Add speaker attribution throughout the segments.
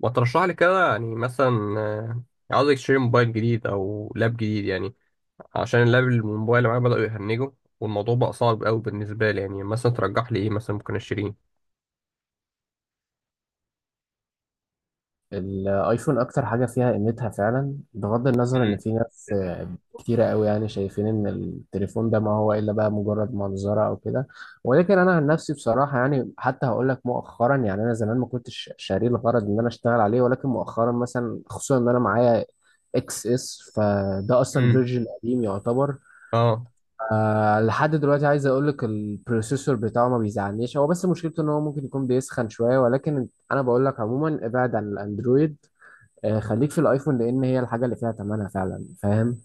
Speaker 1: وترشح لي كده يعني مثلا عاوز اشتري موبايل جديد او لاب جديد يعني، عشان اللاب الموبايل اللي معايا بدأوا يهنجوا، والموضوع بقى صعب قوي بالنسبه لي يعني. مثلا ترجح لي ايه مثلا ممكن اشتريه؟
Speaker 2: الايفون اكتر حاجه فيها قيمتها فعلا، بغض النظر ان
Speaker 1: مم.
Speaker 2: في ناس كتيره قوي، يعني شايفين ان التليفون ده ما هو الا بقى مجرد منظره او كده. ولكن انا عن نفسي بصراحه يعني حتى هقول لك مؤخرا، يعني انا زمان ما كنتش شاريه الغرض ان انا اشتغل عليه، ولكن مؤخرا مثلا خصوصا ان انا معايا اكس اس فده اصلا
Speaker 1: مم.
Speaker 2: فيرجن قديم يعتبر.
Speaker 1: اه،
Speaker 2: لحد دلوقتي عايز اقول لك البروسيسور بتاعه ما بيزعلنيش، هو بس مشكلته ان هو ممكن يكون بيسخن شويه. ولكن انا بقول لك عموما ابعد عن الاندرويد، خليك في الايفون لان هي الحاجه اللي فيها تمنها فعلا، فاهم؟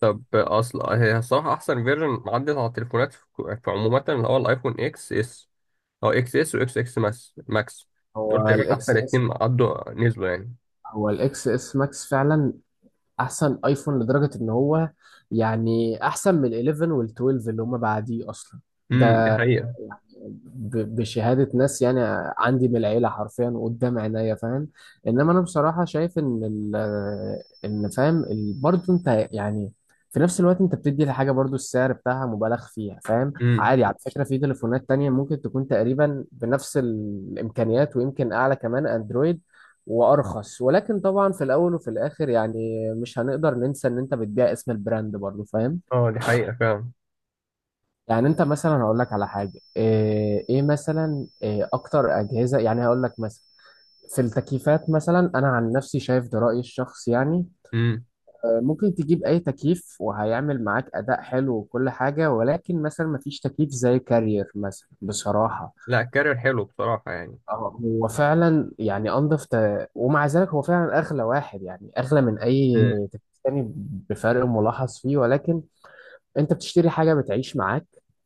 Speaker 1: طب اصل هي الصراحه احسن فيرجن عدت على التليفونات في عموما اللي هو الايفون اكس اس، او اكس اس واكس اكس ماس ماكس، دول
Speaker 2: هو
Speaker 1: تقريبا
Speaker 2: الاكس
Speaker 1: احسن
Speaker 2: اس
Speaker 1: اتنين عدوا نزلوا يعني.
Speaker 2: هو الاكس اس ماكس فعلا احسن ايفون، لدرجة ان هو يعني احسن من ال 11 وال 12 اللي هما بعديه اصلا
Speaker 1: امم، دي
Speaker 2: ده،
Speaker 1: حقيقه.
Speaker 2: بشهادة ناس يعني عندي من العيلة حرفيا قدام عينيا، فاهم؟ انما انا بصراحة شايف ان ال ان فاهم ال- برضه انت يعني في نفس الوقت انت بتدي لحاجة برضه السعر بتاعها مبالغ فيها، فاهم؟
Speaker 1: امم،
Speaker 2: عادي، على فكرة في تليفونات تانية ممكن تكون تقريبا بنفس الامكانيات ويمكن اعلى كمان، اندرويد وارخص. ولكن طبعا في الاول وفي الاخر يعني مش هنقدر ننسى ان انت بتبيع اسم البراند برضو، فاهم؟
Speaker 1: اه دي حقيقه فعلا.
Speaker 2: يعني انت مثلا هقول لك على حاجه، إيه مثلا، إيه اكتر اجهزه؟ يعني هقول لك مثلا في التكييفات. مثلا انا عن نفسي شايف، ده رايي الشخصي يعني،
Speaker 1: امم،
Speaker 2: ممكن تجيب اي تكييف وهيعمل معاك اداء حلو وكل حاجه، ولكن مثلا مفيش تكييف زي كارير مثلا بصراحه.
Speaker 1: لا الكارير حلو بصراحه يعني.
Speaker 2: اه هو فعلا يعني انضف ومع ذلك هو فعلا اغلى واحد، يعني اغلى من اي تكييف تاني بفرق ملاحظ فيه. ولكن انت بتشتري حاجه بتعيش معاك،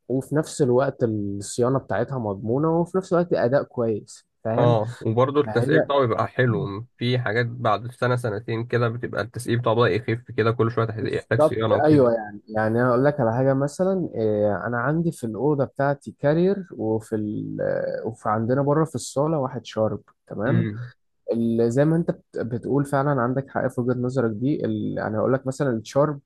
Speaker 2: وفي نفس الوقت الصيانه بتاعتها مضمونه، وفي نفس الوقت اداء كويس، فاهم؟
Speaker 1: اه، وبرضه التسقية
Speaker 2: فهي
Speaker 1: بتاعه بيبقى حلو في حاجات، بعد سنة سنتين كده بتبقى التسقية بتاعه بدأ يخف كده، كل شوية يحتاج
Speaker 2: بالظبط.
Speaker 1: صيانة
Speaker 2: ايوه
Speaker 1: وكده.
Speaker 2: يعني انا اقول لك على حاجه مثلا إيه، انا عندي في الاوضه بتاعتي كارير، وفي عندنا بره في الصاله واحد شارب، تمام؟
Speaker 1: امم.
Speaker 2: زي ما انت بتقول، فعلا عندك حق في وجهة نظرك دي. انا هقول لك مثلا الشارب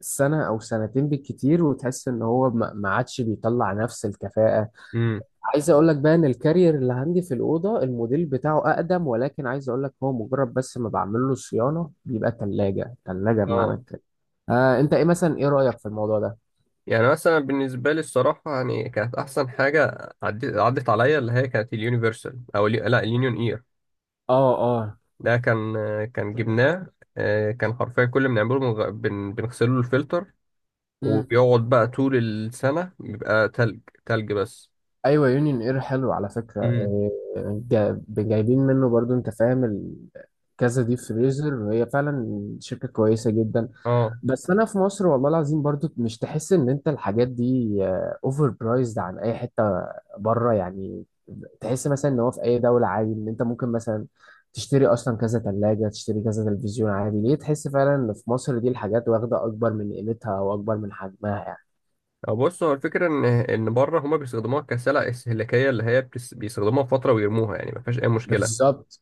Speaker 2: سنة او سنتين بالكتير وتحس ان هو ما عادش بيطلع نفس الكفاءة.
Speaker 1: امم.
Speaker 2: عايز اقول لك بقى ان الكارير اللي عندي في الأوضة الموديل بتاعه اقدم، ولكن عايز اقول لك هو مجرد بس ما بعمل له صيانة بيبقى تلاجة تلاجة بمعنى
Speaker 1: اه،
Speaker 2: الكلمة. انت ايه مثلا، ايه رأيك في الموضوع ده؟
Speaker 1: يعني مثلا بالنسبة لي الصراحة يعني كانت أحسن حاجة عدت عليا اللي هي كانت اليونيفرسال أو لا، اليونيون إير.
Speaker 2: اه، اه،
Speaker 1: ده كان جبناه. كان حرفيا كل ما بنعمله بنغسله له الفلتر، وبيقعد بقى طول السنة بيبقى تلج، تلج بس.
Speaker 2: ايوه، يونيون اير حلو على فكره.
Speaker 1: امم.
Speaker 2: جايبين منه برضو، انت فاهم؟ كذا ديب فريزر، هي فعلا شركه كويسه جدا.
Speaker 1: اه،
Speaker 2: بس انا في مصر والله العظيم برضو مش تحس ان انت الحاجات دي اوفر برايزد عن اي حته بره يعني. تحس مثلا ان هو في اي دوله عادي ان انت ممكن مثلا تشتري اصلا كذا ثلاجه، تشتري كذا تلفزيون عادي. ليه تحس فعلا ان في مصر دي الحاجات واخده اكبر من قيمتها او اكبر من حجمها يعني؟
Speaker 1: أو بص، هو الفكرة إن بره هما بيستخدموها كسلع استهلاكية، اللي هي بيستخدموها فترة ويرموها يعني، ما فيهاش أي مشكلة.
Speaker 2: بالظبط،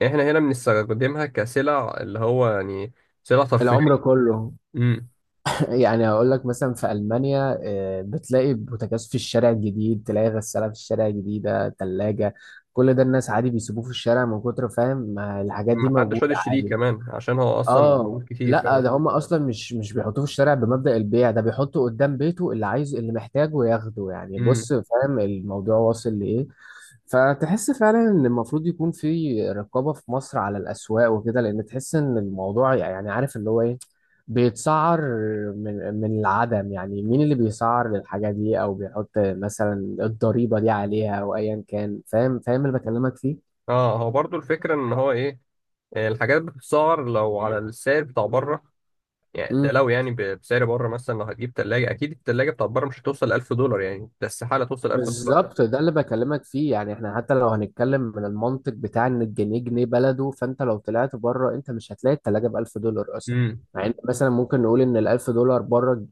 Speaker 1: يعني إحنا هنا بنستخدمها كسلع اللي هو يعني سلع ترفيهية.
Speaker 2: العمر كله.
Speaker 1: أمم.
Speaker 2: يعني هقول لك مثلا في المانيا بتلاقي بوتاجاز في الشارع الجديد، تلاقي غساله في الشارع الجديده، ثلاجه، كل ده الناس عادي بيسيبوه في الشارع من كتر، فاهم؟ ما الحاجات دي
Speaker 1: محدش
Speaker 2: موجوده
Speaker 1: راضي يشتريه
Speaker 2: عادي.
Speaker 1: كمان عشان هو أصلا
Speaker 2: اه
Speaker 1: موجود كتير
Speaker 2: لا،
Speaker 1: فعلا.
Speaker 2: ده هم اصلا مش بيحطوه في الشارع بمبدأ البيع، ده بيحطه قدام بيته، اللي عايز اللي محتاجه ياخده يعني.
Speaker 1: أمم.
Speaker 2: بص، فاهم الموضوع واصل لايه؟ فتحس فعلا ان المفروض يكون في رقابة في مصر على الاسواق وكده، لان تحس ان الموضوع يعني عارف اللي هو ايه، بيتسعر من العدم، يعني مين اللي بيسعر للحاجة دي، او بيحط مثلا الضريبة دي عليها، او ايا كان، فاهم؟ فاهم اللي بكلمك
Speaker 1: أه، هو برضو الفكرة إن هو إيه، الحاجات بتتسعر لو على السعر بتاع بره، يعني ده
Speaker 2: فيه؟
Speaker 1: لو يعني بسعر بره مثلا. لو هتجيب تلاجة أكيد التلاجة بتاع بره مش هتوصل 1000 دولار، يعني ده استحالة توصل 1000 دولار.
Speaker 2: بالظبط، ده اللي بكلمك فيه. يعني احنا حتى لو هنتكلم من المنطق بتاع ان الجنيه جنيه بلده، فانت لو طلعت بره انت مش هتلاقي التلاجة بألف دولار اصلا.
Speaker 1: أمم.
Speaker 2: يعني انت مثلا ممكن نقول ان الألف دولار بره،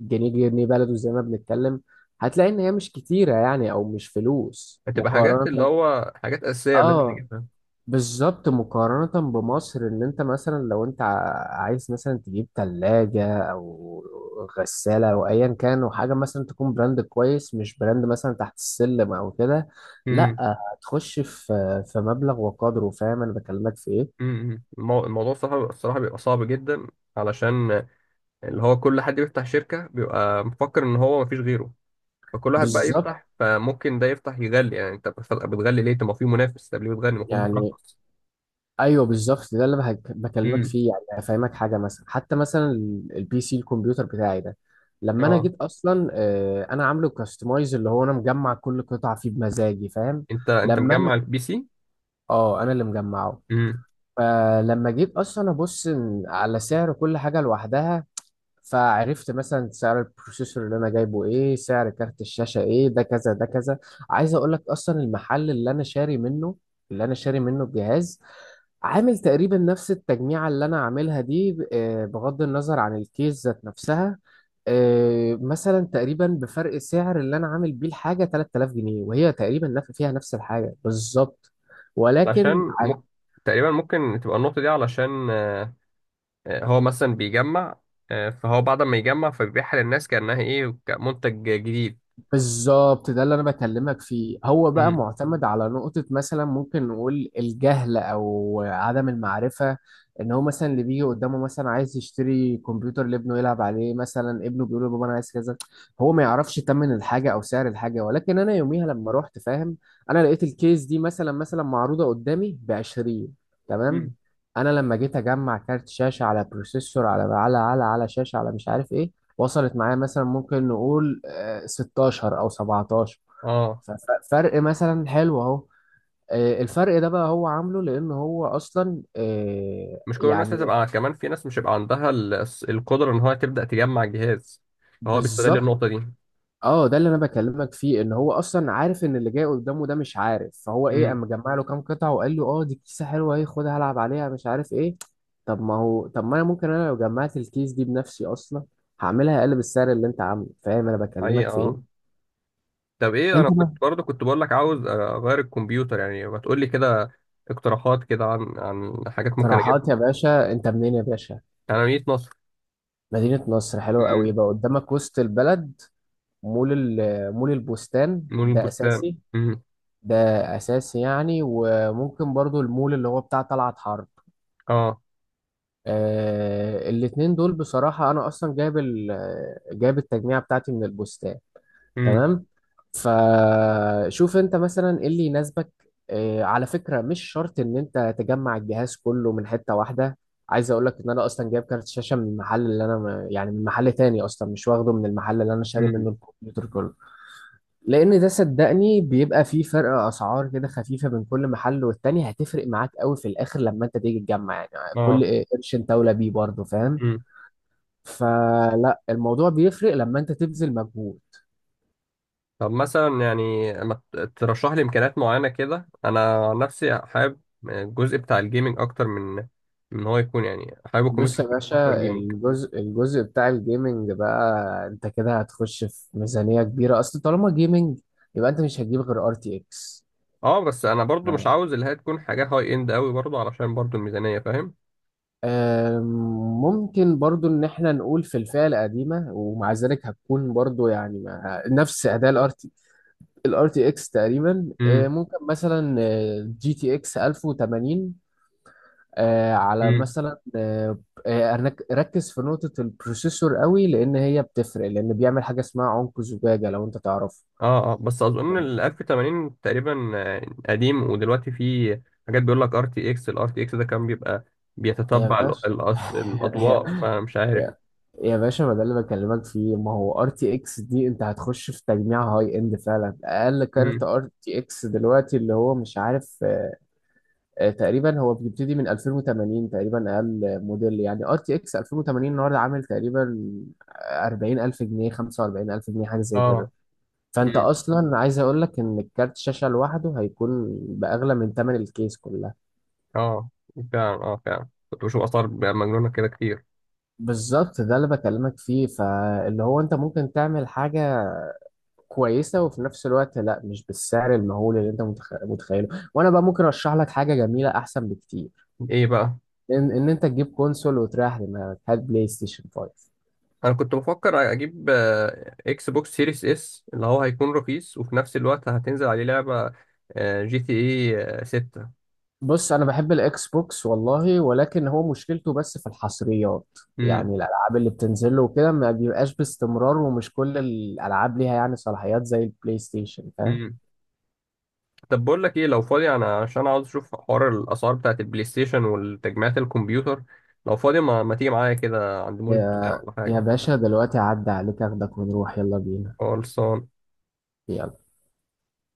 Speaker 2: الجنيه جنيه بلده زي ما بنتكلم، هتلاقي ان هي مش كتيرة يعني، او مش فلوس
Speaker 1: هتبقى حاجات
Speaker 2: مقارنة.
Speaker 1: اللي هو حاجات أساسية لازم
Speaker 2: اه
Speaker 1: نجيبها.
Speaker 2: بالظبط، مقارنة بمصر ان انت مثلا لو انت عايز مثلا تجيب تلاجة او غسالة او ايا كان، وحاجة مثلا تكون براند كويس، مش براند مثلا تحت السلم او كده، لا،
Speaker 1: امم.
Speaker 2: هتخش في مبلغ وقدره، فاهم انا بكلمك في ايه؟
Speaker 1: امم. امم. الموضوع صعب الصراحه، بيبقى صعب جدا، علشان اللي هو كل حد بيفتح شركه بيبقى مفكر ان هو مفيش غيره، فكل واحد بقى
Speaker 2: بالظبط
Speaker 1: يفتح، فممكن ده يفتح يغلي. يعني انت بتغلي ليه؟ طب ما في منافس، طب ليه بتغلي؟ المفروض
Speaker 2: يعني،
Speaker 1: بترخص.
Speaker 2: ايوه بالظبط ده اللي بكلمك
Speaker 1: امم.
Speaker 2: فيه. يعني هفهمك حاجه مثلا، حتى مثلا البي سي الكمبيوتر بتاعي ده، لما انا
Speaker 1: اه،
Speaker 2: جيت اصلا انا عامله كاستمايز، اللي هو انا مجمع كل قطعه فيه بمزاجي، فاهم؟
Speaker 1: انت
Speaker 2: لما
Speaker 1: مجمع
Speaker 2: أنا-
Speaker 1: البي سي؟
Speaker 2: اه انا اللي مجمعه.
Speaker 1: امم.
Speaker 2: فلما جيت اصلا ابص على سعر كل حاجه لوحدها، فعرفت مثلا سعر البروسيسور اللي انا جايبه ايه، سعر كارت الشاشة ايه، ده كذا ده كذا. عايز اقول لك اصلا المحل اللي انا شاري منه الجهاز عامل تقريبا نفس التجميعة اللي انا عاملها دي، بغض النظر عن الكيس ذات نفسها. مثلا تقريبا بفرق سعر اللي انا عامل بيه الحاجة 3000 جنيه، وهي تقريبا فيها نفس الحاجة بالظبط، ولكن
Speaker 1: علشان ممكن، تقريبا ممكن تبقى النقطه دي علشان هو مثلا بيجمع، فهو بعد ما يجمع فبيبيعها للناس كانها ايه، كمنتج جديد.
Speaker 2: بالظبط ده اللي انا بكلمك فيه. هو بقى
Speaker 1: امم.
Speaker 2: معتمد على نقطة مثلا ممكن نقول الجهل او عدم المعرفة، ان هو مثلا اللي بيجي قدامه مثلا عايز يشتري كمبيوتر لابنه يلعب عليه، مثلا ابنه بيقول له بابا انا عايز كذا، هو ما يعرفش تمن الحاجة او سعر الحاجة. ولكن انا يوميها لما رحت، فاهم؟ انا لقيت الكيس دي مثلا معروضة قدامي ب 20، تمام؟
Speaker 1: امم.
Speaker 2: انا لما جيت اجمع كارت شاشة على بروسيسور على شاشة على مش عارف ايه، وصلت معايا مثلا ممكن نقول 16 او 17،
Speaker 1: اه،
Speaker 2: فرق مثلا حلو اهو. الفرق ده بقى هو عامله لان هو اصلا
Speaker 1: مش كل الناس
Speaker 2: يعني
Speaker 1: هتبقى، كمان في ناس مش هيبقى عندها القدرة ان هو تبدأ تجمع الجهاز، فهو بيستغل
Speaker 2: بالظبط.
Speaker 1: النقطة دي.
Speaker 2: اه، ده اللي انا بكلمك فيه، ان هو اصلا عارف ان اللي جاي قدامه ده مش عارف، فهو ايه؟
Speaker 1: امم.
Speaker 2: اما جمع له كام قطعه وقال له اه دي كيسه حلوه اهي خدها العب عليها مش عارف ايه. طب ما انا ممكن انا لو جمعت الكيس دي بنفسي اصلا هعملها اقل بالسعر اللي انت عامله، فاهم انا بكلمك
Speaker 1: حقيقة
Speaker 2: في ايه؟
Speaker 1: اه. طب ايه، انا
Speaker 2: انت
Speaker 1: كنت
Speaker 2: ما
Speaker 1: برضه كنت بقول لك عاوز اغير الكمبيوتر، يعني ما تقول لي كده اقتراحات كده عن حاجات ممكن
Speaker 2: اقتراحات
Speaker 1: اجيبها.
Speaker 2: يا باشا؟ انت منين يا باشا؟
Speaker 1: انا مدينة نصر.
Speaker 2: مدينة نصر حلوة قوي،
Speaker 1: امم.
Speaker 2: بقى قدامك وسط البلد. مول البستان
Speaker 1: نور
Speaker 2: ده
Speaker 1: البستان.
Speaker 2: أساسي،
Speaker 1: امم.
Speaker 2: ده أساسي يعني، وممكن برضو المول اللي هو بتاع طلعت حرب.
Speaker 1: اه.
Speaker 2: الاتنين دول بصراحة. أنا أصلا جايب التجميع بتاعتي من البستان،
Speaker 1: امم.
Speaker 2: تمام؟ فشوف انت مثلا ايه اللي يناسبك. اه على فكرة مش شرط ان انت تجمع الجهاز كله من حتة واحدة. عايز اقول لك ان انا اصلا جايب كارت شاشة من المحل اللي انا م- يعني من محل تاني اصلا، مش واخده من المحل اللي انا شاري منه
Speaker 1: امم.
Speaker 2: الكمبيوتر كله، لان ده صدقني بيبقى فيه فرق اسعار كده خفيفة بين كل محل والتاني، هتفرق معاك قوي في الاخر لما انت تيجي تجمع. يعني
Speaker 1: اه.
Speaker 2: كل قرش انت اولى بيه برضه، فاهم؟
Speaker 1: امم.
Speaker 2: فلا، الموضوع بيفرق لما انت تبذل مجهود.
Speaker 1: طب مثلا يعني ما ترشح لي امكانيات معينه كده، انا عن نفسي حابب الجزء بتاع الجيمنج اكتر من إن هو يكون، يعني حابب الكمبيوتر
Speaker 2: بص يا
Speaker 1: يكون اكتر
Speaker 2: باشا،
Speaker 1: جيمنج.
Speaker 2: الجزء بتاع الجيمنج بقى، انت كده هتخش في ميزانية كبيرة، اصل طالما جيمنج يبقى انت مش هتجيب غير ار تي اكس.
Speaker 1: اه، بس انا برضو مش عاوز اللي هي تكون حاجه هاي اند قوي برضو، علشان برضو الميزانيه، فاهم؟
Speaker 2: ممكن برضو ان احنا نقول في الفئة القديمة، ومع ذلك هتكون برضو يعني نفس اداء الار تي، الار تي اكس تقريبا،
Speaker 1: امم.
Speaker 2: ممكن مثلا جي تي اكس 1080 على
Speaker 1: امم.
Speaker 2: مثلا ركز في نقطة البروسيسور قوي لأن هي بتفرق، لأن بيعمل حاجة اسمها عنق زجاجة لو أنت تعرف.
Speaker 1: اه، اه، بس اظن ال 1080 تقريبا قديم، ودلوقتي في حاجات بيقول لك ار تي اكس، الار تي اكس ده كان بيبقى
Speaker 2: يا
Speaker 1: بيتتبع
Speaker 2: باشا، يا
Speaker 1: الاضواء، فمش عارف.
Speaker 2: يا يا باشا، ما ده اللي بكلمك فيه، ما هو ار تي اكس دي انت هتخش في تجميع هاي اند فعلا. اقل كارت
Speaker 1: امم.
Speaker 2: ار تي اكس دلوقتي اللي هو مش عارف، تقريبا هو بيبتدي من 2080 تقريبا اقل موديل. يعني ار تي اكس 2080 النهارده عامل تقريبا 40000 جنيه 45000 جنيه حاجه زي كده،
Speaker 1: اه،
Speaker 2: فانت اصلا عايز اقول لك ان الكارت شاشه لوحده هيكون باغلى من ثمن الكيس كلها.
Speaker 1: اه فعلا، اه فعلا كنت بشوف اثار مجنونه كده كتير.
Speaker 2: بالظبط، ده اللي بكلمك فيه، فاللي هو انت ممكن تعمل حاجه كويسه، وفي نفس الوقت لا مش بالسعر المهول اللي انت متخيله. وانا بقى ممكن ارشح لك حاجه جميله احسن بكتير،
Speaker 1: ايه بقى؟
Speaker 2: إن انت تجيب كونسول وتريح دماغك، هات بلاي ستيشن 5.
Speaker 1: انا كنت بفكر اجيب اكس بوكس سيريس اس، اللي هو هيكون رخيص وفي نفس الوقت هتنزل عليه لعبه جي تي اي 6.
Speaker 2: بص انا بحب الاكس بوكس والله، ولكن هو مشكلته بس في الحصريات.
Speaker 1: امم.
Speaker 2: يعني الالعاب اللي بتنزل له وكده ما بيبقاش باستمرار، ومش كل الالعاب ليها يعني صلاحيات زي البلاي ستيشن، فاهم؟
Speaker 1: امم. طب بقول لك ايه، لو فاضي انا، عشان عاوز اشوف حوار الاسعار بتاعت البلاي ستيشن والتجميعات الكمبيوتر، لو فاضي ما تيجي معايا كده عند مول البلاي ستيشن
Speaker 2: يا
Speaker 1: ولا
Speaker 2: يا
Speaker 1: حاجه؟
Speaker 2: باشا دلوقتي عدى عليك، اخدك ونروح، يلا بينا.
Speaker 1: خلصان.
Speaker 2: يلا.